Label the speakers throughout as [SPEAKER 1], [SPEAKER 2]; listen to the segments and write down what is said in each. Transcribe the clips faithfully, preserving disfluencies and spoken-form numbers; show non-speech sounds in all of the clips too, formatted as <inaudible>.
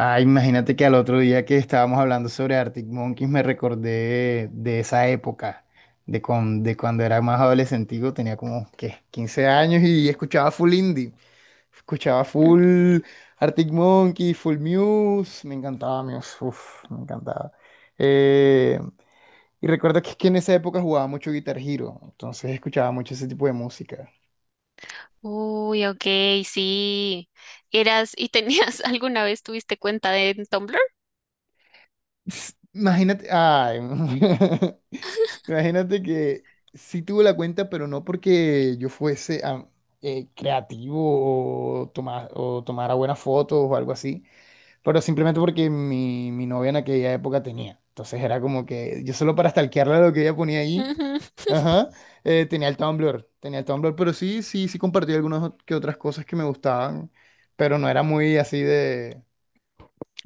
[SPEAKER 1] Ah, imagínate que al otro día que estábamos hablando sobre Arctic Monkeys me recordé de esa época, de, con- de cuando era más adolescentico, tenía como ¿qué? quince años y escuchaba full indie, escuchaba full Arctic Monkeys, full Muse, me encantaba Muse, uf, me encantaba. Eh, y recuerdo que, es que en esa época jugaba mucho Guitar Hero, entonces escuchaba mucho ese tipo de música.
[SPEAKER 2] Uy, ok, sí. Eras y tenías <laughs> alguna vez tuviste cuenta de en Tumblr.
[SPEAKER 1] S- Imagínate, ay, <laughs> imagínate que sí tuve la cuenta, pero no porque yo fuese ah, eh, creativo o, toma- o tomara buenas fotos o algo así, pero simplemente porque mi, mi novia en aquella época tenía. Entonces era como que yo solo para stalkearla lo que ella ponía ahí,
[SPEAKER 2] Ujú,
[SPEAKER 1] ajá, eh, tenía el Tumblr, tenía el Tumblr, pero sí, sí, sí compartí algunas ot- que otras cosas que me gustaban, pero no era muy así de,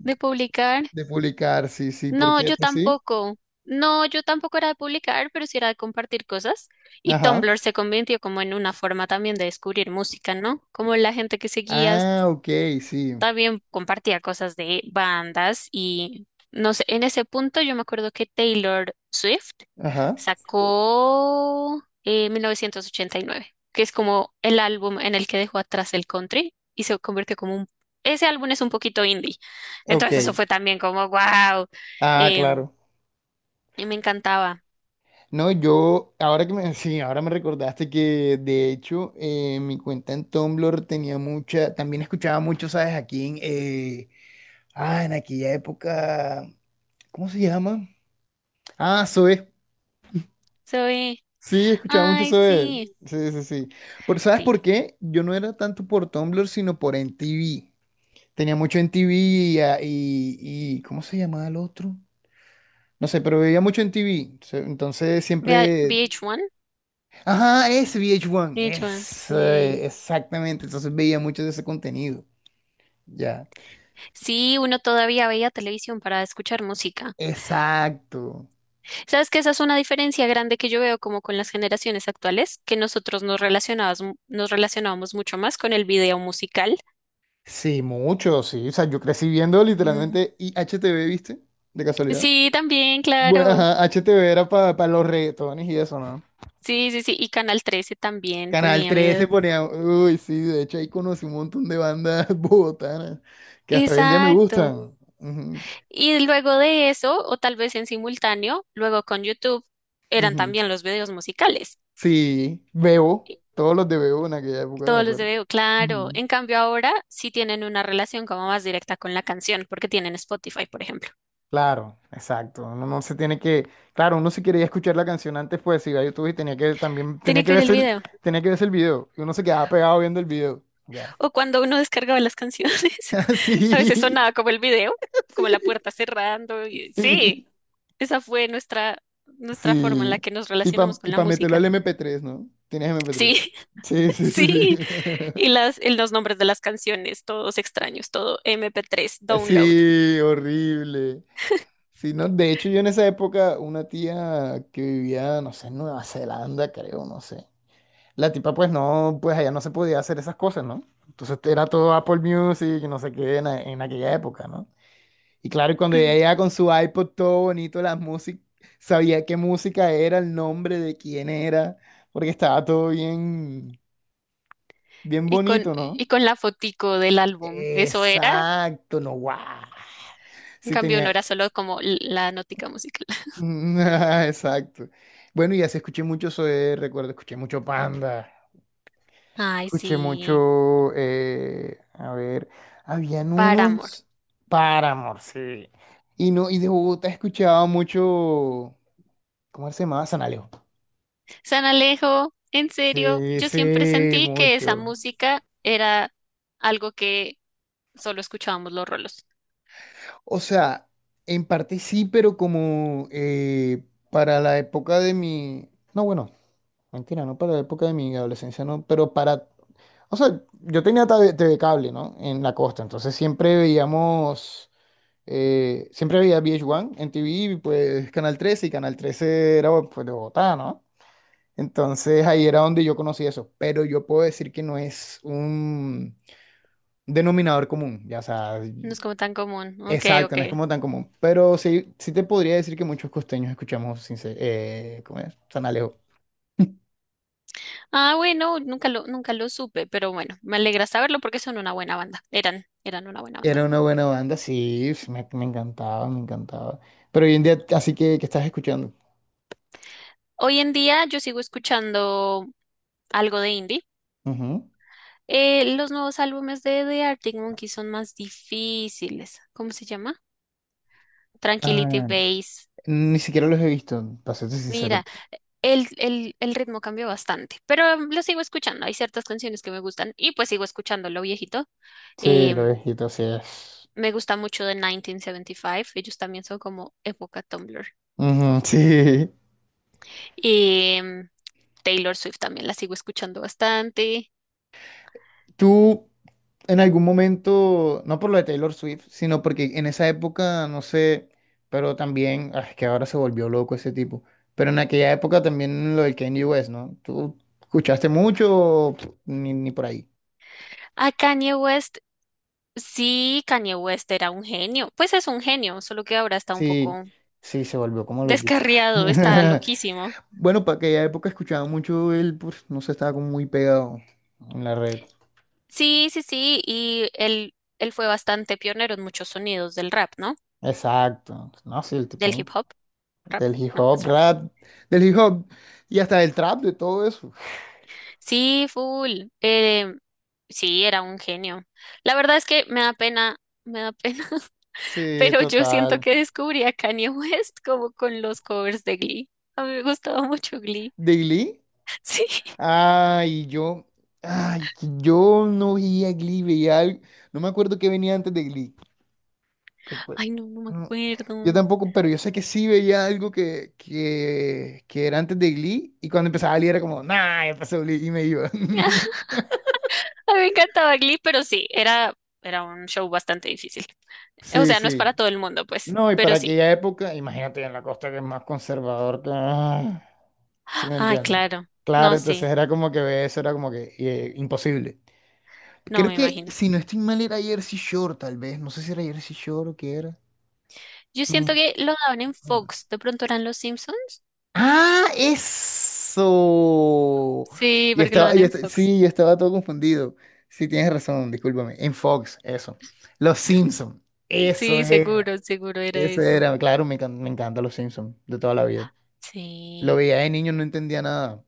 [SPEAKER 2] de publicar.
[SPEAKER 1] de publicar, sí, sí,
[SPEAKER 2] No,
[SPEAKER 1] porque
[SPEAKER 2] yo
[SPEAKER 1] tú sí,
[SPEAKER 2] tampoco. No, yo tampoco era de publicar, pero sí era de compartir cosas. Y
[SPEAKER 1] ajá.
[SPEAKER 2] Tumblr se convirtió como en una forma también de descubrir música, ¿no? Como la gente que seguías
[SPEAKER 1] Ah, ok, sí.
[SPEAKER 2] también compartía cosas de bandas y no sé, en ese punto yo me acuerdo que Taylor Swift
[SPEAKER 1] Ajá,
[SPEAKER 2] sacó eh, mil novecientos ochenta y nueve, que es como el álbum en el que dejó atrás el country y se convirtió como un... Ese álbum es un poquito indie,
[SPEAKER 1] ok.
[SPEAKER 2] entonces eso fue también como wow,
[SPEAKER 1] Ah, claro.
[SPEAKER 2] y me encantaba.
[SPEAKER 1] No, yo, ahora que me, <laughs> sí, ahora me recordaste que de hecho eh, mi cuenta en Tumblr tenía mucha, también escuchaba mucho, ¿sabes? Aquí en, eh, ah, en aquella época, ¿cómo se llama? Ah, Zoe.
[SPEAKER 2] Soy,
[SPEAKER 1] Sí, escuchaba mucho
[SPEAKER 2] ay,
[SPEAKER 1] Zoe.
[SPEAKER 2] sí,
[SPEAKER 1] Sí, sí, sí. Pero ¿sabes por
[SPEAKER 2] sí,
[SPEAKER 1] qué? Yo no era tanto por Tumblr, sino por M T V. Tenía mucho M T V y, ah, y, y ¿cómo se llamaba el otro? No sé, pero veía mucho en T V. se- Entonces
[SPEAKER 2] Vea-
[SPEAKER 1] siempre.
[SPEAKER 2] V H uno,
[SPEAKER 1] Ajá, es V H uno.
[SPEAKER 2] V H uno,
[SPEAKER 1] Es,
[SPEAKER 2] sí.
[SPEAKER 1] eh, exactamente. Entonces veía mucho de ese contenido. Ya.
[SPEAKER 2] Sí, uno todavía veía televisión para escuchar música.
[SPEAKER 1] Exacto.
[SPEAKER 2] Sabes que esa es una diferencia grande que yo veo como con las generaciones actuales, que nosotros nos relacionábamos, nos relacionábamos mucho más con el video musical.
[SPEAKER 1] Sí, mucho, sí. O sea, yo crecí viendo
[SPEAKER 2] Ujú.
[SPEAKER 1] literalmente y H T V, ¿viste? De casualidad.
[SPEAKER 2] Sí, también,
[SPEAKER 1] Bueno,
[SPEAKER 2] claro.
[SPEAKER 1] ajá, H T V era para los reggaetones y eso, ¿no?
[SPEAKER 2] Sí, sí, sí. Y Canal trece también
[SPEAKER 1] Canal
[SPEAKER 2] ponía video.
[SPEAKER 1] trece ponía. Uy, sí, de hecho ahí conocí un montón de bandas <laughs> bogotanas que hasta hoy en día me
[SPEAKER 2] Exacto.
[SPEAKER 1] gustan. Ujú,
[SPEAKER 2] Y luego de eso, o tal vez en simultáneo, luego con YouTube, eran
[SPEAKER 1] ujú.
[SPEAKER 2] también los videos musicales.
[SPEAKER 1] Sí, Bebo,
[SPEAKER 2] Y
[SPEAKER 1] todos los de Bebo en aquella época, me
[SPEAKER 2] todos los de
[SPEAKER 1] acuerdo.
[SPEAKER 2] video, claro.
[SPEAKER 1] Ujú.
[SPEAKER 2] En cambio ahora sí tienen una relación como más directa con la canción, porque tienen Spotify, por ejemplo.
[SPEAKER 1] Claro, exacto. Uno no se tiene que, claro, uno si quería escuchar la canción antes, pues iba a YouTube y tenía que también, tenía
[SPEAKER 2] Tiene
[SPEAKER 1] que
[SPEAKER 2] que ver el
[SPEAKER 1] verse el,
[SPEAKER 2] video.
[SPEAKER 1] tenía que verse el video. Y uno se quedaba pegado viendo el video. Ya.
[SPEAKER 2] O cuando uno descargaba las canciones, <laughs>
[SPEAKER 1] <laughs> Sí,
[SPEAKER 2] a veces
[SPEAKER 1] sí,
[SPEAKER 2] sonaba como el video, como la puerta cerrando. y-
[SPEAKER 1] sí.
[SPEAKER 2] Sí, esa fue nuestra, nuestra forma en
[SPEAKER 1] Sí,
[SPEAKER 2] la que nos
[SPEAKER 1] sí,
[SPEAKER 2] relacionamos
[SPEAKER 1] pa-
[SPEAKER 2] con
[SPEAKER 1] y
[SPEAKER 2] la
[SPEAKER 1] para meterlo
[SPEAKER 2] música.
[SPEAKER 1] al mp tres, ¿no? Tienes mp tres.
[SPEAKER 2] Sí,
[SPEAKER 1] Sí,
[SPEAKER 2] <laughs>
[SPEAKER 1] sí, sí, sí.
[SPEAKER 2] sí.
[SPEAKER 1] <laughs>
[SPEAKER 2] Y las, y los nombres de las canciones, todos extraños, todo M P tres, download.
[SPEAKER 1] Sí, horrible. Sí, no, de hecho yo en esa época una tía que vivía, no sé, en Nueva Zelanda, creo, no sé. La tipa pues no, pues allá no se podía hacer esas cosas, ¿no? Entonces era todo Apple Music, y no sé qué, en, a- en aquella época, ¿no? Y claro, y cuando ella
[SPEAKER 2] Ujú.
[SPEAKER 1] llegaba con su iPod todo bonito, la música, sabía qué música era, el nombre de quién era, porque estaba todo bien, bien
[SPEAKER 2] Y con,
[SPEAKER 1] bonito, ¿no?
[SPEAKER 2] y con la fotico del álbum. Eso era,
[SPEAKER 1] Exacto, no, guau.
[SPEAKER 2] en
[SPEAKER 1] Sí,
[SPEAKER 2] cambio, no
[SPEAKER 1] tenía,
[SPEAKER 2] era solo como l- la notica musical. <laughs>
[SPEAKER 1] Mm, <laughs> exacto. Bueno, y así escuché mucho Zoé, recuerdo, escuché mucho Panda,
[SPEAKER 2] Ay,
[SPEAKER 1] escuché
[SPEAKER 2] sí,
[SPEAKER 1] mucho, eh, a ver, habían
[SPEAKER 2] Paramore.
[SPEAKER 1] unos Paramore, sí. Y no, y de Bogotá escuchaba mucho, ¿cómo se llamaba? Sanaleo.
[SPEAKER 2] San Alejo, en serio,
[SPEAKER 1] Sí,
[SPEAKER 2] yo siempre
[SPEAKER 1] sí,
[SPEAKER 2] sentí que esa
[SPEAKER 1] mucho.
[SPEAKER 2] música era algo que solo escuchábamos los rolos.
[SPEAKER 1] O sea, en parte sí, pero como eh, para la época de mi... No, bueno, mentira, no para la época de mi adolescencia, no, pero para... O sea, yo tenía T V, T V cable, ¿no? En la costa, entonces siempre veíamos... eh, siempre veía V H uno en T V, y, pues Canal trece, y Canal trece era pues, de Bogotá, ¿no? Entonces ahí era donde yo conocí eso, pero yo puedo decir que no es un denominador común, ya, o sea,
[SPEAKER 2] No es como tan común. Ok,
[SPEAKER 1] exacto,
[SPEAKER 2] ok.
[SPEAKER 1] no es como tan común, pero sí, sí te podría decir que muchos costeños escuchamos, sin ser- eh, ¿cómo es? San.
[SPEAKER 2] Ah, bueno, nunca lo, nunca lo supe, pero bueno, me alegra saberlo porque son una buena banda. Eran, eran una buena banda.
[SPEAKER 1] Era una buena banda, sí, f- me, me encantaba, me encantaba. Pero hoy en día, así que, que estás escuchando.
[SPEAKER 2] Hoy en día yo sigo escuchando algo de indie.
[SPEAKER 1] Ujú.
[SPEAKER 2] Eh, los nuevos álbumes de The Arctic Monkeys son más difíciles. ¿Cómo se llama? Tranquility
[SPEAKER 1] Ah,
[SPEAKER 2] Base.
[SPEAKER 1] ni siquiera los he visto, para serte sincero.
[SPEAKER 2] Mira. el, el, el ritmo cambió bastante, pero em, lo sigo escuchando. Hay ciertas canciones que me gustan y pues sigo escuchando lo viejito.
[SPEAKER 1] Sí, lo
[SPEAKER 2] Em,
[SPEAKER 1] he visto, sí es.
[SPEAKER 2] Me gusta mucho de mil novecientos setenta y cinco. Ellos también son como época Tumblr.
[SPEAKER 1] Ujú, sí.
[SPEAKER 2] Em, Taylor Swift también la sigo escuchando bastante.
[SPEAKER 1] Tú, en algún momento, no por lo de Taylor Swift, sino porque en esa época, no sé, pero también, ah, es que ahora se volvió loco ese tipo. Pero en aquella época también lo del Kanye West, ¿no? ¿Tú escuchaste mucho o, pff, ni, ni por ahí?
[SPEAKER 2] A Kanye West, sí, Kanye West era un genio. Pues es un genio, solo que ahora está un
[SPEAKER 1] Sí,
[SPEAKER 2] poco
[SPEAKER 1] sí, se volvió como loquito.
[SPEAKER 2] descarriado, está
[SPEAKER 1] <laughs>
[SPEAKER 2] loquísimo.
[SPEAKER 1] Bueno, para aquella época escuchaba mucho él, pues, no sé, estaba como muy pegado en la red.
[SPEAKER 2] Sí, sí, sí, y él, él fue bastante pionero en muchos sonidos del rap, ¿no?
[SPEAKER 1] Exacto. No, sí, el
[SPEAKER 2] Del
[SPEAKER 1] tipo
[SPEAKER 2] hip hop. Rap,
[SPEAKER 1] del hip
[SPEAKER 2] ¿no? Es
[SPEAKER 1] hop,
[SPEAKER 2] rap.
[SPEAKER 1] rap, del hip hop y hasta del trap, de todo eso.
[SPEAKER 2] Sí, full. Eh, sí, era un genio. La verdad es que me da pena, me da pena, <laughs>
[SPEAKER 1] Sí,
[SPEAKER 2] pero yo siento
[SPEAKER 1] total.
[SPEAKER 2] que descubrí a Kanye West como con los covers de Glee. A mí me gustaba mucho Glee.
[SPEAKER 1] ¿De
[SPEAKER 2] <laughs>
[SPEAKER 1] Glee?
[SPEAKER 2] Sí.
[SPEAKER 1] Ay, yo, ay, que yo no veía Glee, veía algo. No me acuerdo qué venía antes de Glee. Recuerdo.
[SPEAKER 2] Ay, no, no me
[SPEAKER 1] Yo
[SPEAKER 2] acuerdo.
[SPEAKER 1] tampoco, pero yo sé que sí veía algo que, que, que era antes de Glee y cuando empezaba Glee era como, nah, ya pasó Glee y me iba.
[SPEAKER 2] <laughs>
[SPEAKER 1] <laughs>
[SPEAKER 2] A mí me encantaba Glee, pero sí, era, era un show bastante difícil. O
[SPEAKER 1] Sí,
[SPEAKER 2] sea, no es
[SPEAKER 1] sí.
[SPEAKER 2] para todo el mundo, pues,
[SPEAKER 1] No, y para
[SPEAKER 2] pero sí.
[SPEAKER 1] aquella época, imagínate en la costa que es más conservador que... ah, ¿sí me
[SPEAKER 2] Ay,
[SPEAKER 1] entiendes?
[SPEAKER 2] claro.
[SPEAKER 1] Claro,
[SPEAKER 2] No,
[SPEAKER 1] entonces
[SPEAKER 2] sí.
[SPEAKER 1] era como que ve eso era como que eh, imposible.
[SPEAKER 2] No
[SPEAKER 1] Creo
[SPEAKER 2] me
[SPEAKER 1] que
[SPEAKER 2] imagino.
[SPEAKER 1] si no estoy mal era Jersey Shore tal vez, no sé si era Jersey Shore o qué era.
[SPEAKER 2] Yo siento
[SPEAKER 1] No.
[SPEAKER 2] que lo daban en Fox. ¿De pronto eran los Simpsons?
[SPEAKER 1] ¡Ah, eso!
[SPEAKER 2] Sí,
[SPEAKER 1] Y
[SPEAKER 2] porque lo
[SPEAKER 1] estaba,
[SPEAKER 2] dan
[SPEAKER 1] y
[SPEAKER 2] en
[SPEAKER 1] esta-
[SPEAKER 2] Fox.
[SPEAKER 1] sí, yo estaba todo confundido. Sí, tienes razón, discúlpame. En Fox, eso. Los Simpson, eso
[SPEAKER 2] Sí,
[SPEAKER 1] era.
[SPEAKER 2] seguro, seguro era
[SPEAKER 1] Eso
[SPEAKER 2] eso.
[SPEAKER 1] era, claro, me, encan- me encantan los Simpson de toda la vida. Lo
[SPEAKER 2] Sí,
[SPEAKER 1] veía de niño, no entendía nada,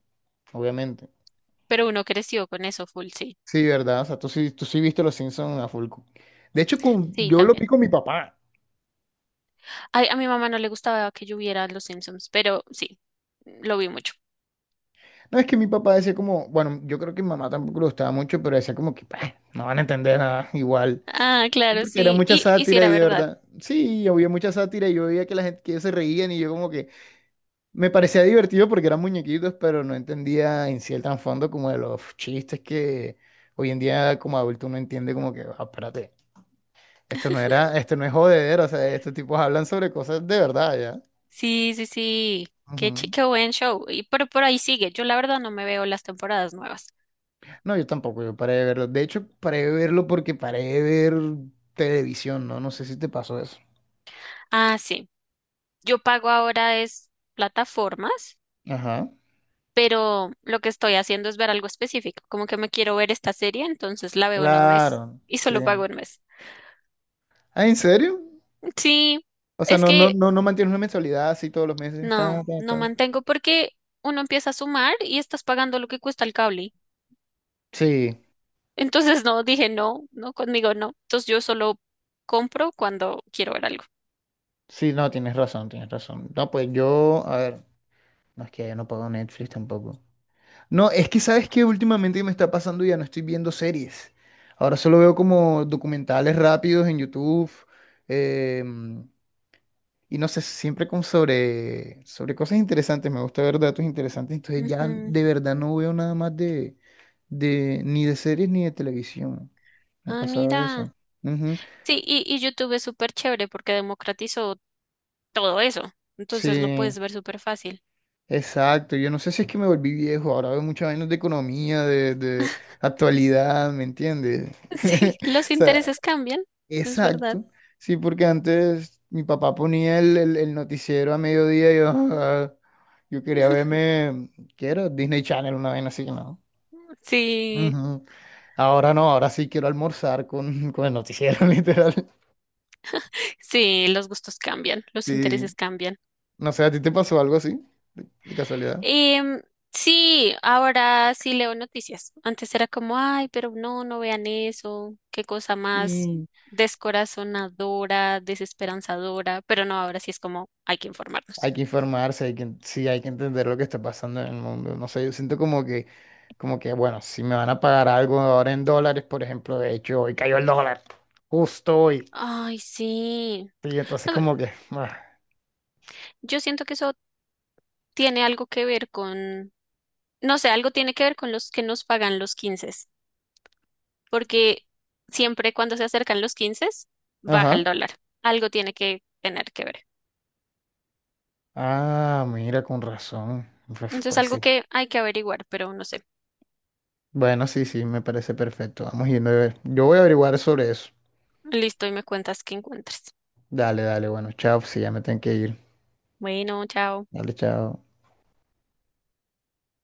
[SPEAKER 1] obviamente.
[SPEAKER 2] pero uno creció con eso full, sí.
[SPEAKER 1] Sí, ¿verdad? O sea, tú sí, tú sí viste los Simpson a full. De hecho, con-
[SPEAKER 2] Sí,
[SPEAKER 1] yo lo vi
[SPEAKER 2] también.
[SPEAKER 1] con mi papá.
[SPEAKER 2] Ay, a mi mamá no le gustaba que yo viera Los Simpsons, pero sí, lo vi mucho.
[SPEAKER 1] No, es que mi papá decía como, bueno, yo creo que mi mamá tampoco lo gustaba mucho, pero decía como que, "Bah, no van a entender nada <laughs> igual.
[SPEAKER 2] Ah,
[SPEAKER 1] Sí,
[SPEAKER 2] claro,
[SPEAKER 1] porque era
[SPEAKER 2] sí.
[SPEAKER 1] mucha
[SPEAKER 2] Y, y sí
[SPEAKER 1] sátira
[SPEAKER 2] era
[SPEAKER 1] y de
[SPEAKER 2] verdad.
[SPEAKER 1] verdad, sí, había mucha sátira y yo veía que la gente que ellos se reían y yo como que me parecía divertido porque eran muñequitos, pero no entendía en sí el trasfondo como de los chistes que hoy en día como adulto uno entiende como que, "Ah, espérate, esto no era, esto no es jodedero, o sea, estos tipos hablan sobre cosas de verdad, ¿ya?
[SPEAKER 2] Sí, sí, sí. Qué, chi-
[SPEAKER 1] Ujú.
[SPEAKER 2] qué buen show. Y pero por ahí sigue. Yo la verdad no me veo las temporadas nuevas.
[SPEAKER 1] No, yo tampoco, yo paré de verlo. De hecho, paré de verlo porque paré de ver televisión, ¿no? No sé si te pasó eso.
[SPEAKER 2] Ah, sí. Yo pago ahora es plataformas,
[SPEAKER 1] Ajá.
[SPEAKER 2] pero lo que estoy haciendo es ver algo específico, como que me quiero ver esta serie, entonces la veo en un mes
[SPEAKER 1] Claro,
[SPEAKER 2] y
[SPEAKER 1] sí.
[SPEAKER 2] solo pago un mes.
[SPEAKER 1] Ah, ¿en serio?
[SPEAKER 2] Sí,
[SPEAKER 1] O sea,
[SPEAKER 2] es
[SPEAKER 1] no, no,
[SPEAKER 2] que
[SPEAKER 1] no, no mantienes una mensualidad así todos los meses.
[SPEAKER 2] no,
[SPEAKER 1] Ta, ta,
[SPEAKER 2] no
[SPEAKER 1] ta.
[SPEAKER 2] mantengo porque uno empieza a sumar y estás pagando lo que cuesta el cable.
[SPEAKER 1] Sí,
[SPEAKER 2] Entonces no, dije no, no, conmigo no. Entonces yo solo compro cuando quiero ver algo.
[SPEAKER 1] sí, no, tienes razón, tienes razón. No, pues yo, a ver, no es que yo no pago Netflix tampoco. No, es que sabes que últimamente me está pasando ya no estoy viendo series. Ahora solo veo como documentales rápidos en YouTube. em, y no sé, siempre como sobre, sobre cosas interesantes. Me gusta ver datos interesantes. Entonces ya
[SPEAKER 2] Ujú.
[SPEAKER 1] de verdad no veo nada más de, de ni de series ni de televisión. Me ha
[SPEAKER 2] Ah,
[SPEAKER 1] pasado
[SPEAKER 2] mira.
[SPEAKER 1] eso. Ujú.
[SPEAKER 2] Sí, y, y YouTube es súper chévere porque democratizó todo eso. Entonces lo
[SPEAKER 1] Sí,
[SPEAKER 2] puedes ver súper fácil. <laughs>
[SPEAKER 1] exacto. Yo no sé si es que me volví viejo. Ahora veo muchas vainas de economía, de, de actualidad, ¿me entiendes?
[SPEAKER 2] Sí,
[SPEAKER 1] <laughs>
[SPEAKER 2] los
[SPEAKER 1] O sea,
[SPEAKER 2] intereses cambian, es verdad.
[SPEAKER 1] exacto. Sí, porque antes mi papá ponía el, el- el noticiero a mediodía y yo, ah, yo quería verme, ¿qué era? Disney Channel, una vaina así, ¿no?
[SPEAKER 2] Sí,
[SPEAKER 1] Ujú. Ahora no, ahora sí quiero almorzar con, con el noticiero, <laughs> literal.
[SPEAKER 2] sí, los gustos cambian, los
[SPEAKER 1] Sí.
[SPEAKER 2] intereses cambian.
[SPEAKER 1] No sé, ¿a ti te pasó algo así? De, de casualidad.
[SPEAKER 2] Em, sí, ahora sí leo noticias. Antes era como, ay, pero no, no vean eso, qué cosa más descorazonadora, desesperanzadora, pero no, ahora sí es como, hay que informarnos.
[SPEAKER 1] Hay que informarse, hay que, en- sí, hay que entender lo que está pasando en el mundo. No sé, yo siento como que, como que, bueno, si me van a pagar algo ahora en dólares, por ejemplo, de hecho, hoy cayó el dólar, justo hoy.
[SPEAKER 2] Ay, sí.
[SPEAKER 1] Y entonces
[SPEAKER 2] A ver,
[SPEAKER 1] como que, <laughs> ah,
[SPEAKER 2] yo siento que eso tiene algo que ver con, no sé, algo tiene que ver con los que nos pagan los quince. Porque siempre cuando se acercan los quince baja el
[SPEAKER 1] ajá.
[SPEAKER 2] dólar. Algo tiene que tener que ver.
[SPEAKER 1] Ah, mira, con razón. Pues,
[SPEAKER 2] Entonces,
[SPEAKER 1] pues
[SPEAKER 2] algo
[SPEAKER 1] sí.
[SPEAKER 2] que hay que averiguar, pero no sé.
[SPEAKER 1] Bueno, sí, sí, me parece perfecto. Vamos yendo a ver. Yo voy a averiguar sobre eso.
[SPEAKER 2] Listo, y me cuentas qué encuentres.
[SPEAKER 1] Dale, dale, bueno, chao, sí, ya me tengo que ir.
[SPEAKER 2] Bueno, chao.
[SPEAKER 1] Dale, chao.